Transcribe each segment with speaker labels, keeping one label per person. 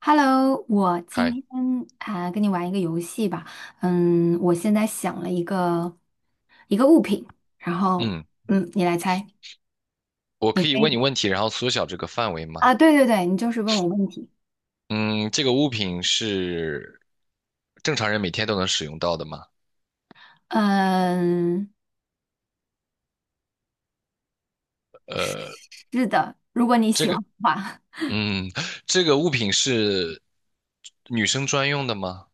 Speaker 1: Hello,我今
Speaker 2: 嗨，
Speaker 1: 天跟你玩一个游戏吧。我现在想了一个物品，然后
Speaker 2: 嗯，
Speaker 1: 你来猜，
Speaker 2: 我
Speaker 1: 你
Speaker 2: 可以
Speaker 1: 可
Speaker 2: 问你
Speaker 1: 以
Speaker 2: 问题，然后缩小这个范围吗？
Speaker 1: 对对对，你就是问我问题。
Speaker 2: 嗯，这个物品是正常人每天都能使用到的吗？
Speaker 1: 嗯，是的，如果你
Speaker 2: 这
Speaker 1: 喜
Speaker 2: 个，
Speaker 1: 欢的话，
Speaker 2: 嗯，这个物品是女生专用的吗？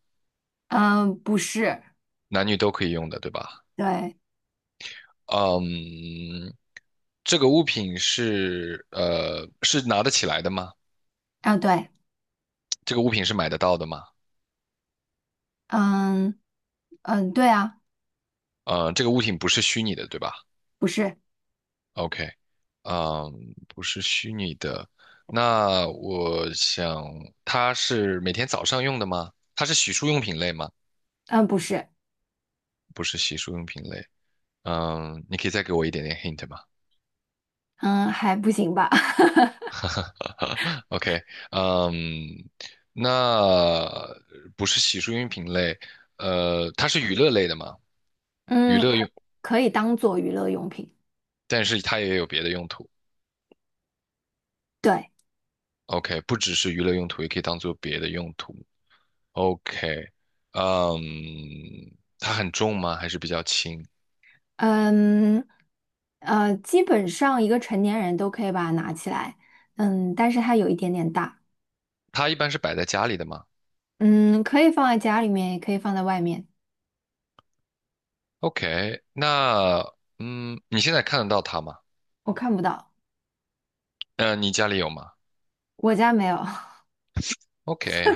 Speaker 1: 嗯，不是，
Speaker 2: 男女都可以用的，对吧？
Speaker 1: 对，
Speaker 2: 嗯，这个物品是拿得起来的吗？
Speaker 1: 啊对，
Speaker 2: 这个物品是买得到的吗？
Speaker 1: 嗯嗯，对啊，
Speaker 2: 这个物品不是虚拟的，对吧？
Speaker 1: 不是，
Speaker 2: OK,嗯，不是虚拟的。那我想，它是每天早上用的吗？它是洗漱用品类吗？
Speaker 1: 嗯不是，
Speaker 2: 不是洗漱用品类。嗯，你可以再给我一点点 hint 吗
Speaker 1: 嗯还不行吧，
Speaker 2: ？OK,嗯，那不是洗漱用品类，它是娱乐类的吗？娱
Speaker 1: 嗯，
Speaker 2: 乐
Speaker 1: 可以
Speaker 2: 用，
Speaker 1: 可以当做娱乐用品，
Speaker 2: 但是它也有别的用途。
Speaker 1: 对，
Speaker 2: OK,不只是娱乐用途，也可以当做别的用途。OK,嗯，它很重吗？还是比较轻？
Speaker 1: 嗯，基本上一个成年人都可以把它拿起来，嗯，但是它有一点点大，
Speaker 2: 它一般是摆在家里的吗
Speaker 1: 嗯，可以放在家里面，也可以放在外面，
Speaker 2: ？OK,那嗯，你现在看得到它吗？
Speaker 1: 我看不到，
Speaker 2: 嗯、你家里有吗
Speaker 1: 我家没有，
Speaker 2: ？OK,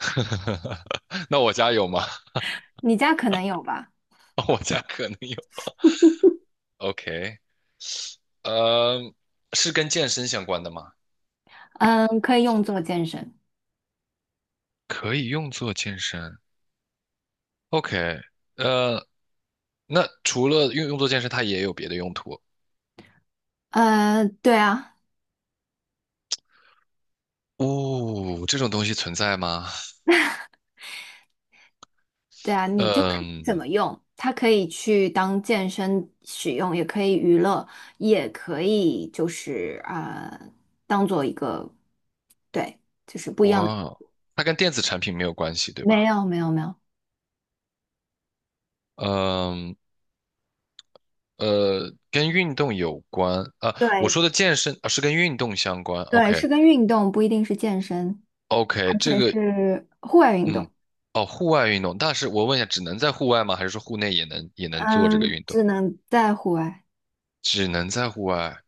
Speaker 2: 那我家有吗？
Speaker 1: 你家可能有吧，
Speaker 2: 我家可能有。OK,呃，是跟健身相关的吗？
Speaker 1: 嗯，可以用做健身，
Speaker 2: 可以用作健身。OK,呃，那除了用作健身，它也有别的用途。
Speaker 1: 对啊，
Speaker 2: 哦，这种东西存在吗？
Speaker 1: 对啊，你就看怎
Speaker 2: 嗯。
Speaker 1: 么用，它可以去当健身使用，也可以娱乐，也可以就是呃，当做一个，对，就是不一样的，
Speaker 2: 哇，它跟电子产品没有关系，对
Speaker 1: 没
Speaker 2: 吧？
Speaker 1: 有，没有，没有。
Speaker 2: 嗯，呃，跟运动有关啊。我
Speaker 1: 对，
Speaker 2: 说的健身啊，是跟运动相关。
Speaker 1: 对，是跟运动，不一定是健身，
Speaker 2: OK，OK，
Speaker 1: 而
Speaker 2: 这
Speaker 1: 且
Speaker 2: 个
Speaker 1: 是户外运
Speaker 2: 嗯，
Speaker 1: 动。
Speaker 2: 哦，户外运动，但是我问一下，只能在户外吗？还是说户内也能做这个
Speaker 1: 嗯，
Speaker 2: 运动？
Speaker 1: 只能在户外。
Speaker 2: 只能在户外。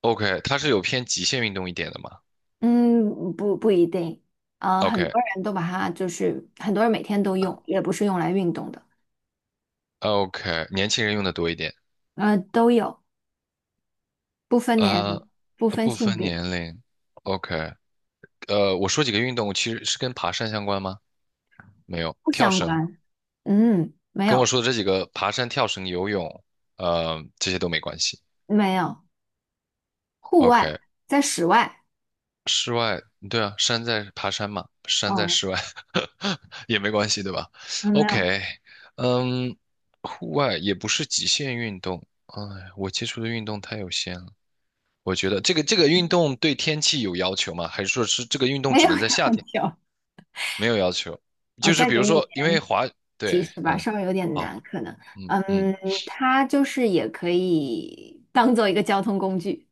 Speaker 2: OK,它是有偏极限运动一点的吗
Speaker 1: 嗯，不不一定。啊，
Speaker 2: ？OK，OK，
Speaker 1: 很多人每天都用，也不是用来运动的。
Speaker 2: 年轻人用的多一点。
Speaker 1: 呃，都有，不分年
Speaker 2: 呃，
Speaker 1: 龄，不分
Speaker 2: 不
Speaker 1: 性
Speaker 2: 分
Speaker 1: 别，
Speaker 2: 年龄。OK,呃，我说几个运动，其实是跟爬山相关吗？没有，
Speaker 1: 不
Speaker 2: 跳
Speaker 1: 相
Speaker 2: 绳。
Speaker 1: 关。嗯，没
Speaker 2: 跟我
Speaker 1: 有
Speaker 2: 说的这几个，爬山、跳绳、游泳，呃，这些都没关系。
Speaker 1: 没有，户外
Speaker 2: OK,
Speaker 1: 在室外。
Speaker 2: 室外，对啊，山在爬山嘛，山在
Speaker 1: 哦，
Speaker 2: 室外 也没关系，对吧
Speaker 1: 嗯，没有
Speaker 2: ？OK,嗯，户外也不是极限运动。哎，我接触的运动太有限了。我觉得这个运动对天气有要求吗？还是说是这个运动
Speaker 1: 没
Speaker 2: 只
Speaker 1: 有
Speaker 2: 能在
Speaker 1: 要
Speaker 2: 夏天？
Speaker 1: 求。
Speaker 2: 没有要求，
Speaker 1: 我
Speaker 2: 就是
Speaker 1: 再
Speaker 2: 比
Speaker 1: 给
Speaker 2: 如
Speaker 1: 你一
Speaker 2: 说，因为
Speaker 1: 点
Speaker 2: 滑，对，
Speaker 1: 提示吧，
Speaker 2: 嗯，
Speaker 1: 稍微有点
Speaker 2: 好，
Speaker 1: 难，可能，
Speaker 2: 嗯
Speaker 1: 嗯，
Speaker 2: 嗯，
Speaker 1: 它就是也可以当做一个交通工具。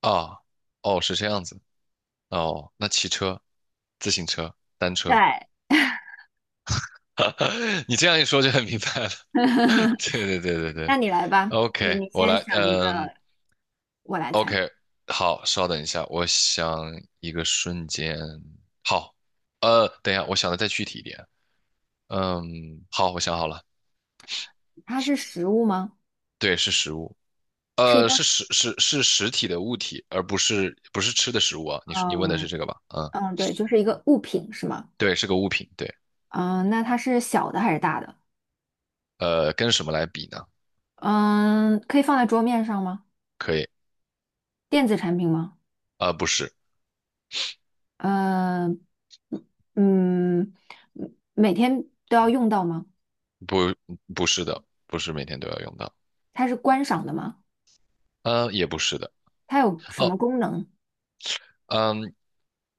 Speaker 2: 啊，哦，是这样子，哦，那骑车。自行车、单
Speaker 1: 对，
Speaker 2: 车。你这样一说就很明白了。对对对对对
Speaker 1: 那你来吧，你
Speaker 2: ，OK,
Speaker 1: 你
Speaker 2: 我
Speaker 1: 先
Speaker 2: 来，
Speaker 1: 想一
Speaker 2: 嗯
Speaker 1: 个，我来猜，
Speaker 2: ，OK,好，稍等一下，我想一个瞬间，好，呃，等一下，我想的再具体一点，嗯，好，我想好了，
Speaker 1: 它是食物吗？
Speaker 2: 对，是食物，
Speaker 1: 是一
Speaker 2: 呃，
Speaker 1: 道，
Speaker 2: 是是实体的物体，而不是吃的食物啊，你问的是
Speaker 1: 嗯
Speaker 2: 这个吧？嗯，
Speaker 1: 嗯，对，就是一个物品是吗？
Speaker 2: 对，是个物品，对，
Speaker 1: 嗯，那它是小的还是大的？
Speaker 2: 呃，跟什么来比呢？
Speaker 1: 嗯，可以放在桌面上吗？
Speaker 2: 可以，
Speaker 1: 电子产品吗？
Speaker 2: 呃，不是，
Speaker 1: 呃嗯嗯，每天都要用到吗？
Speaker 2: 不不是的，不是每天都要用到。
Speaker 1: 它是观赏的吗？
Speaker 2: 呃，也不是的。
Speaker 1: 它有什
Speaker 2: 哦，
Speaker 1: 么功能？
Speaker 2: 嗯，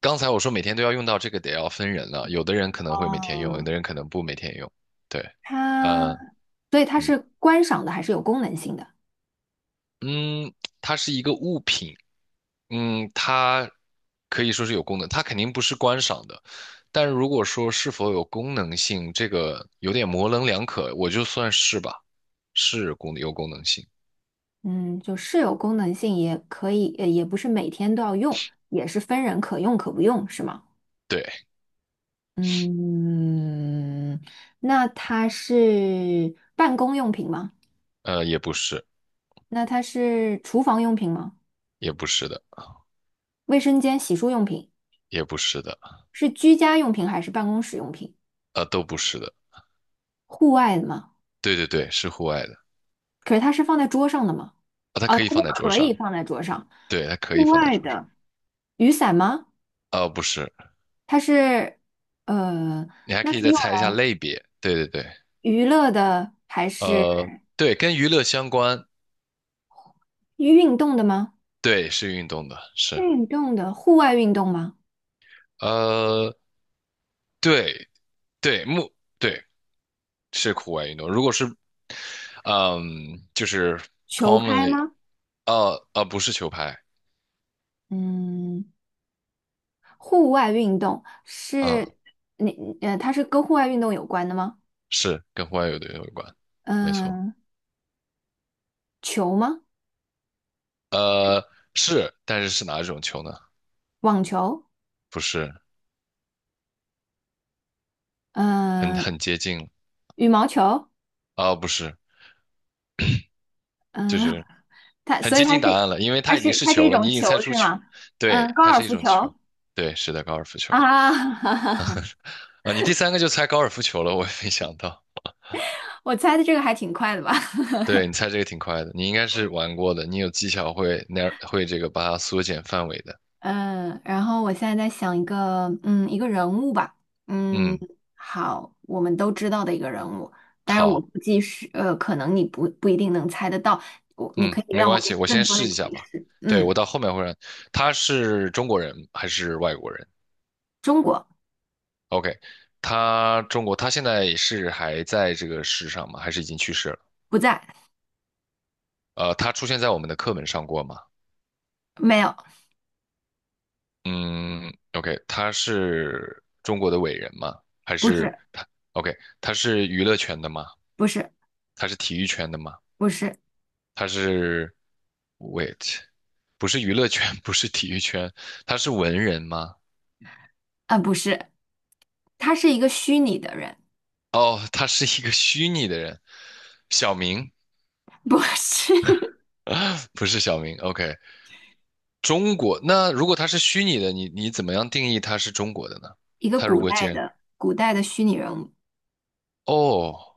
Speaker 2: 刚才我说每天都要用到这个，得要分人了。有的人可能会每天用，有的
Speaker 1: 哦，
Speaker 2: 人可能不每天用。对，
Speaker 1: 它，
Speaker 2: 呃，
Speaker 1: 所以它是观赏的，还是有功能性的。
Speaker 2: 嗯，它是一个物品，嗯，它可以说是有功能，它肯定不是观赏的。但如果说是否有功能性，这个有点模棱两可，我就算是吧，是有功能性。
Speaker 1: 嗯，就是有功能性，也可以，也不是每天都要用，也是分人可用可不用，是吗？
Speaker 2: 对，
Speaker 1: 嗯，那它是办公用品吗？
Speaker 2: 呃，也不是，
Speaker 1: 那它是厨房用品吗？
Speaker 2: 也不是的，
Speaker 1: 卫生间、洗漱用品，
Speaker 2: 也不是的，
Speaker 1: 是居家用品还是办公室用品？
Speaker 2: 呃，都不是的。
Speaker 1: 户外的吗？
Speaker 2: 对对对，是户外的，
Speaker 1: 可是它是放在桌上的吗？
Speaker 2: 啊，它
Speaker 1: 哦，
Speaker 2: 可
Speaker 1: 它
Speaker 2: 以
Speaker 1: 是
Speaker 2: 放在桌
Speaker 1: 可以
Speaker 2: 上。
Speaker 1: 放在桌上。
Speaker 2: 对，它可以
Speaker 1: 户
Speaker 2: 放在
Speaker 1: 外
Speaker 2: 桌上。
Speaker 1: 的，雨伞吗？
Speaker 2: 呃，不是，
Speaker 1: 它是呃，
Speaker 2: 你还
Speaker 1: 那
Speaker 2: 可以
Speaker 1: 是
Speaker 2: 再
Speaker 1: 用
Speaker 2: 猜一下
Speaker 1: 来
Speaker 2: 类别。对对对，
Speaker 1: 娱乐的还是
Speaker 2: 对，跟娱乐相关，
Speaker 1: 运动的吗？
Speaker 2: 对，是运动的，是，
Speaker 1: 运动的，户外运动吗？
Speaker 2: 呃，对对，对是户外运动。如果是，嗯，就是
Speaker 1: 球拍
Speaker 2: commonly,
Speaker 1: 吗？
Speaker 2: 不是球拍，
Speaker 1: 嗯，户外运动
Speaker 2: 嗯，
Speaker 1: 是你呃，它是跟户外运动有关的吗？
Speaker 2: 是跟户外运动有关，没错。
Speaker 1: 嗯、球吗？
Speaker 2: 呃，是，但是是哪种球呢？
Speaker 1: 网球？
Speaker 2: 不是，
Speaker 1: 嗯、
Speaker 2: 很接近了
Speaker 1: 羽毛球？
Speaker 2: 啊、不是，就是
Speaker 1: 它
Speaker 2: 很
Speaker 1: 所以
Speaker 2: 接
Speaker 1: 它
Speaker 2: 近
Speaker 1: 是
Speaker 2: 答案了，因为
Speaker 1: 它
Speaker 2: 它已
Speaker 1: 是
Speaker 2: 经是
Speaker 1: 它是
Speaker 2: 球
Speaker 1: 一
Speaker 2: 了，你
Speaker 1: 种
Speaker 2: 已经猜
Speaker 1: 球
Speaker 2: 出
Speaker 1: 是
Speaker 2: 球，
Speaker 1: 吗？嗯、
Speaker 2: 对，
Speaker 1: 高
Speaker 2: 它
Speaker 1: 尔
Speaker 2: 是一
Speaker 1: 夫
Speaker 2: 种球，
Speaker 1: 球
Speaker 2: 对，是的，高尔夫球
Speaker 1: 啊，
Speaker 2: 啊，你第三个就猜高尔夫球了，我也没想到，
Speaker 1: 我猜的这个还挺快的吧。
Speaker 2: 对，你猜这个挺快的，你应该是玩过的，你有技巧会会这个把它缩减范围的，
Speaker 1: 嗯，然后我现在在想一个，嗯，一个人物吧，嗯，
Speaker 2: 嗯，
Speaker 1: 好，我们都知道的一个人物，当然我
Speaker 2: 好，
Speaker 1: 估计是，呃，可能你不一定能猜得到，你
Speaker 2: 嗯，
Speaker 1: 可以
Speaker 2: 没
Speaker 1: 让我
Speaker 2: 关
Speaker 1: 给
Speaker 2: 系，
Speaker 1: 你
Speaker 2: 我
Speaker 1: 更
Speaker 2: 先
Speaker 1: 多
Speaker 2: 试
Speaker 1: 的
Speaker 2: 一下
Speaker 1: 提
Speaker 2: 吧，
Speaker 1: 示，
Speaker 2: 对，
Speaker 1: 嗯，
Speaker 2: 我到后面会让，他是中国人还是外国人
Speaker 1: 中国
Speaker 2: ？OK,他中国，他现在是还在这个世上吗？还是已经去世了？
Speaker 1: 不在，
Speaker 2: 呃，他出现在我们的课本上过吗？
Speaker 1: 没有，
Speaker 2: 嗯，OK,他是中国的伟人吗？还
Speaker 1: 不
Speaker 2: 是
Speaker 1: 是，
Speaker 2: 他？OK,他是娱乐圈的吗？
Speaker 1: 不是，
Speaker 2: 他是体育圈的吗？
Speaker 1: 不是，
Speaker 2: 他是，wait,不是娱乐圈，不是体育圈，他是文人吗？
Speaker 1: 啊，不是，他是一个虚拟的人，
Speaker 2: 哦，他是一个虚拟的人，小明，
Speaker 1: 不是
Speaker 2: 不是小明。OK,中国，那如果他是虚拟的，你怎么样定义他是中国的呢？
Speaker 1: 一个
Speaker 2: 他如果既然
Speaker 1: 古代的虚拟人物，
Speaker 2: 哦。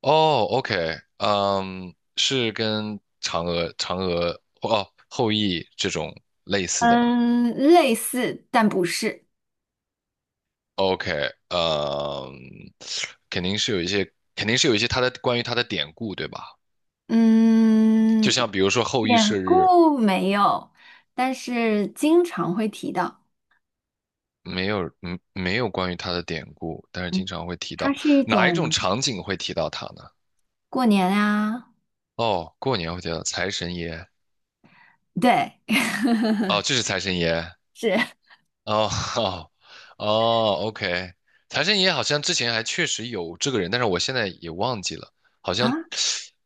Speaker 2: 哦，OK,嗯，是跟嫦娥、后羿这种类似的吗
Speaker 1: 嗯，类似但不是。
Speaker 2: ？OK,嗯，肯定是有一些它的关于它的典故，对吧？就
Speaker 1: 嗯，
Speaker 2: 像比如说后羿
Speaker 1: 典
Speaker 2: 射日，
Speaker 1: 故没有，但是经常会提到。
Speaker 2: 没有，嗯，没有关于他的典故，但是
Speaker 1: 嗯，
Speaker 2: 经常会提
Speaker 1: 它
Speaker 2: 到
Speaker 1: 是一
Speaker 2: 哪一种
Speaker 1: 种
Speaker 2: 场景会提到他呢？
Speaker 1: 过年啊，
Speaker 2: 哦，过年会提到财神爷，
Speaker 1: 对，
Speaker 2: 哦，这是财神爷，
Speaker 1: 是
Speaker 2: 哦 哦哦，OK,财神爷好像之前还确实有这个人，但是我现在也忘记了，好
Speaker 1: 啊，
Speaker 2: 像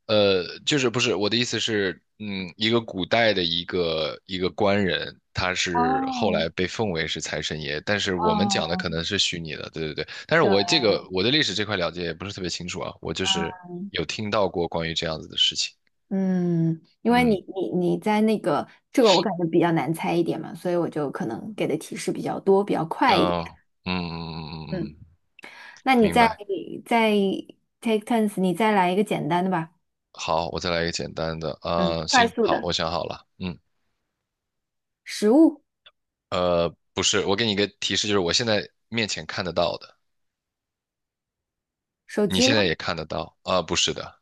Speaker 2: 就是不是我的意思是，嗯，一个古代的一个官人，他是后
Speaker 1: 哦
Speaker 2: 来被奉为是财神爷，但是我们讲的
Speaker 1: 哦，
Speaker 2: 可能是虚拟的，对对对，但是
Speaker 1: 对，
Speaker 2: 我对历史这块了解也不是特别清楚啊，我就是
Speaker 1: 啊，
Speaker 2: 有听到过关于这样子的事情，
Speaker 1: 嗯，因为
Speaker 2: 嗯，
Speaker 1: 你你你在那个这个我感觉比较难猜一点嘛，所以我就可能给的提示比较多，比较快一点。
Speaker 2: 哦，嗯嗯嗯
Speaker 1: 嗯，
Speaker 2: 嗯嗯，
Speaker 1: 那你
Speaker 2: 明白。
Speaker 1: 再 take turns,你再来一个简单的吧。
Speaker 2: 好，我再来一个简单的。
Speaker 1: 嗯，
Speaker 2: 呃，
Speaker 1: 快
Speaker 2: 行，
Speaker 1: 速
Speaker 2: 好，
Speaker 1: 的，
Speaker 2: 我想好了。嗯，
Speaker 1: 食物，
Speaker 2: 呃，不是，我给你一个提示，就是我现在面前看得到的，
Speaker 1: 手
Speaker 2: 你
Speaker 1: 机吗？
Speaker 2: 现在也看得到。啊、不是的，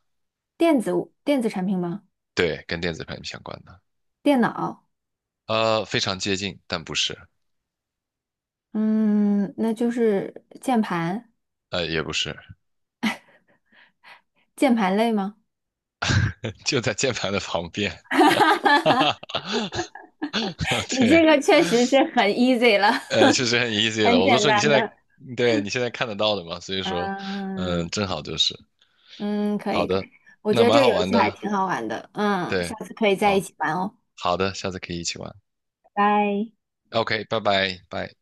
Speaker 1: 电子电子产品吗？
Speaker 2: 对，跟电子产品相关的。
Speaker 1: 电脑，
Speaker 2: 呃，非常接近，但不是，
Speaker 1: 嗯，那就是键盘，
Speaker 2: 呃，也不是，
Speaker 1: 键盘类吗？
Speaker 2: 就在键盘的旁边。哈哈哈，
Speaker 1: 你这
Speaker 2: 对，
Speaker 1: 个确实是很 easy 了，
Speaker 2: 呃，确实很 easy 了，
Speaker 1: 很
Speaker 2: 我都
Speaker 1: 简
Speaker 2: 说你
Speaker 1: 单
Speaker 2: 现在，
Speaker 1: 的。
Speaker 2: 对，你现在看得到的嘛，所以说，嗯、
Speaker 1: 嗯
Speaker 2: 正好就是。
Speaker 1: 嗯，可
Speaker 2: 好
Speaker 1: 以可以，
Speaker 2: 的，
Speaker 1: 我觉
Speaker 2: 那
Speaker 1: 得这
Speaker 2: 蛮
Speaker 1: 个
Speaker 2: 好
Speaker 1: 游
Speaker 2: 玩
Speaker 1: 戏还
Speaker 2: 的。
Speaker 1: 挺好玩的。嗯，下
Speaker 2: 对，
Speaker 1: 次可以在一
Speaker 2: 好，
Speaker 1: 起玩哦，
Speaker 2: 好的，下次可以一起玩。
Speaker 1: 拜拜。
Speaker 2: OK,拜拜，拜。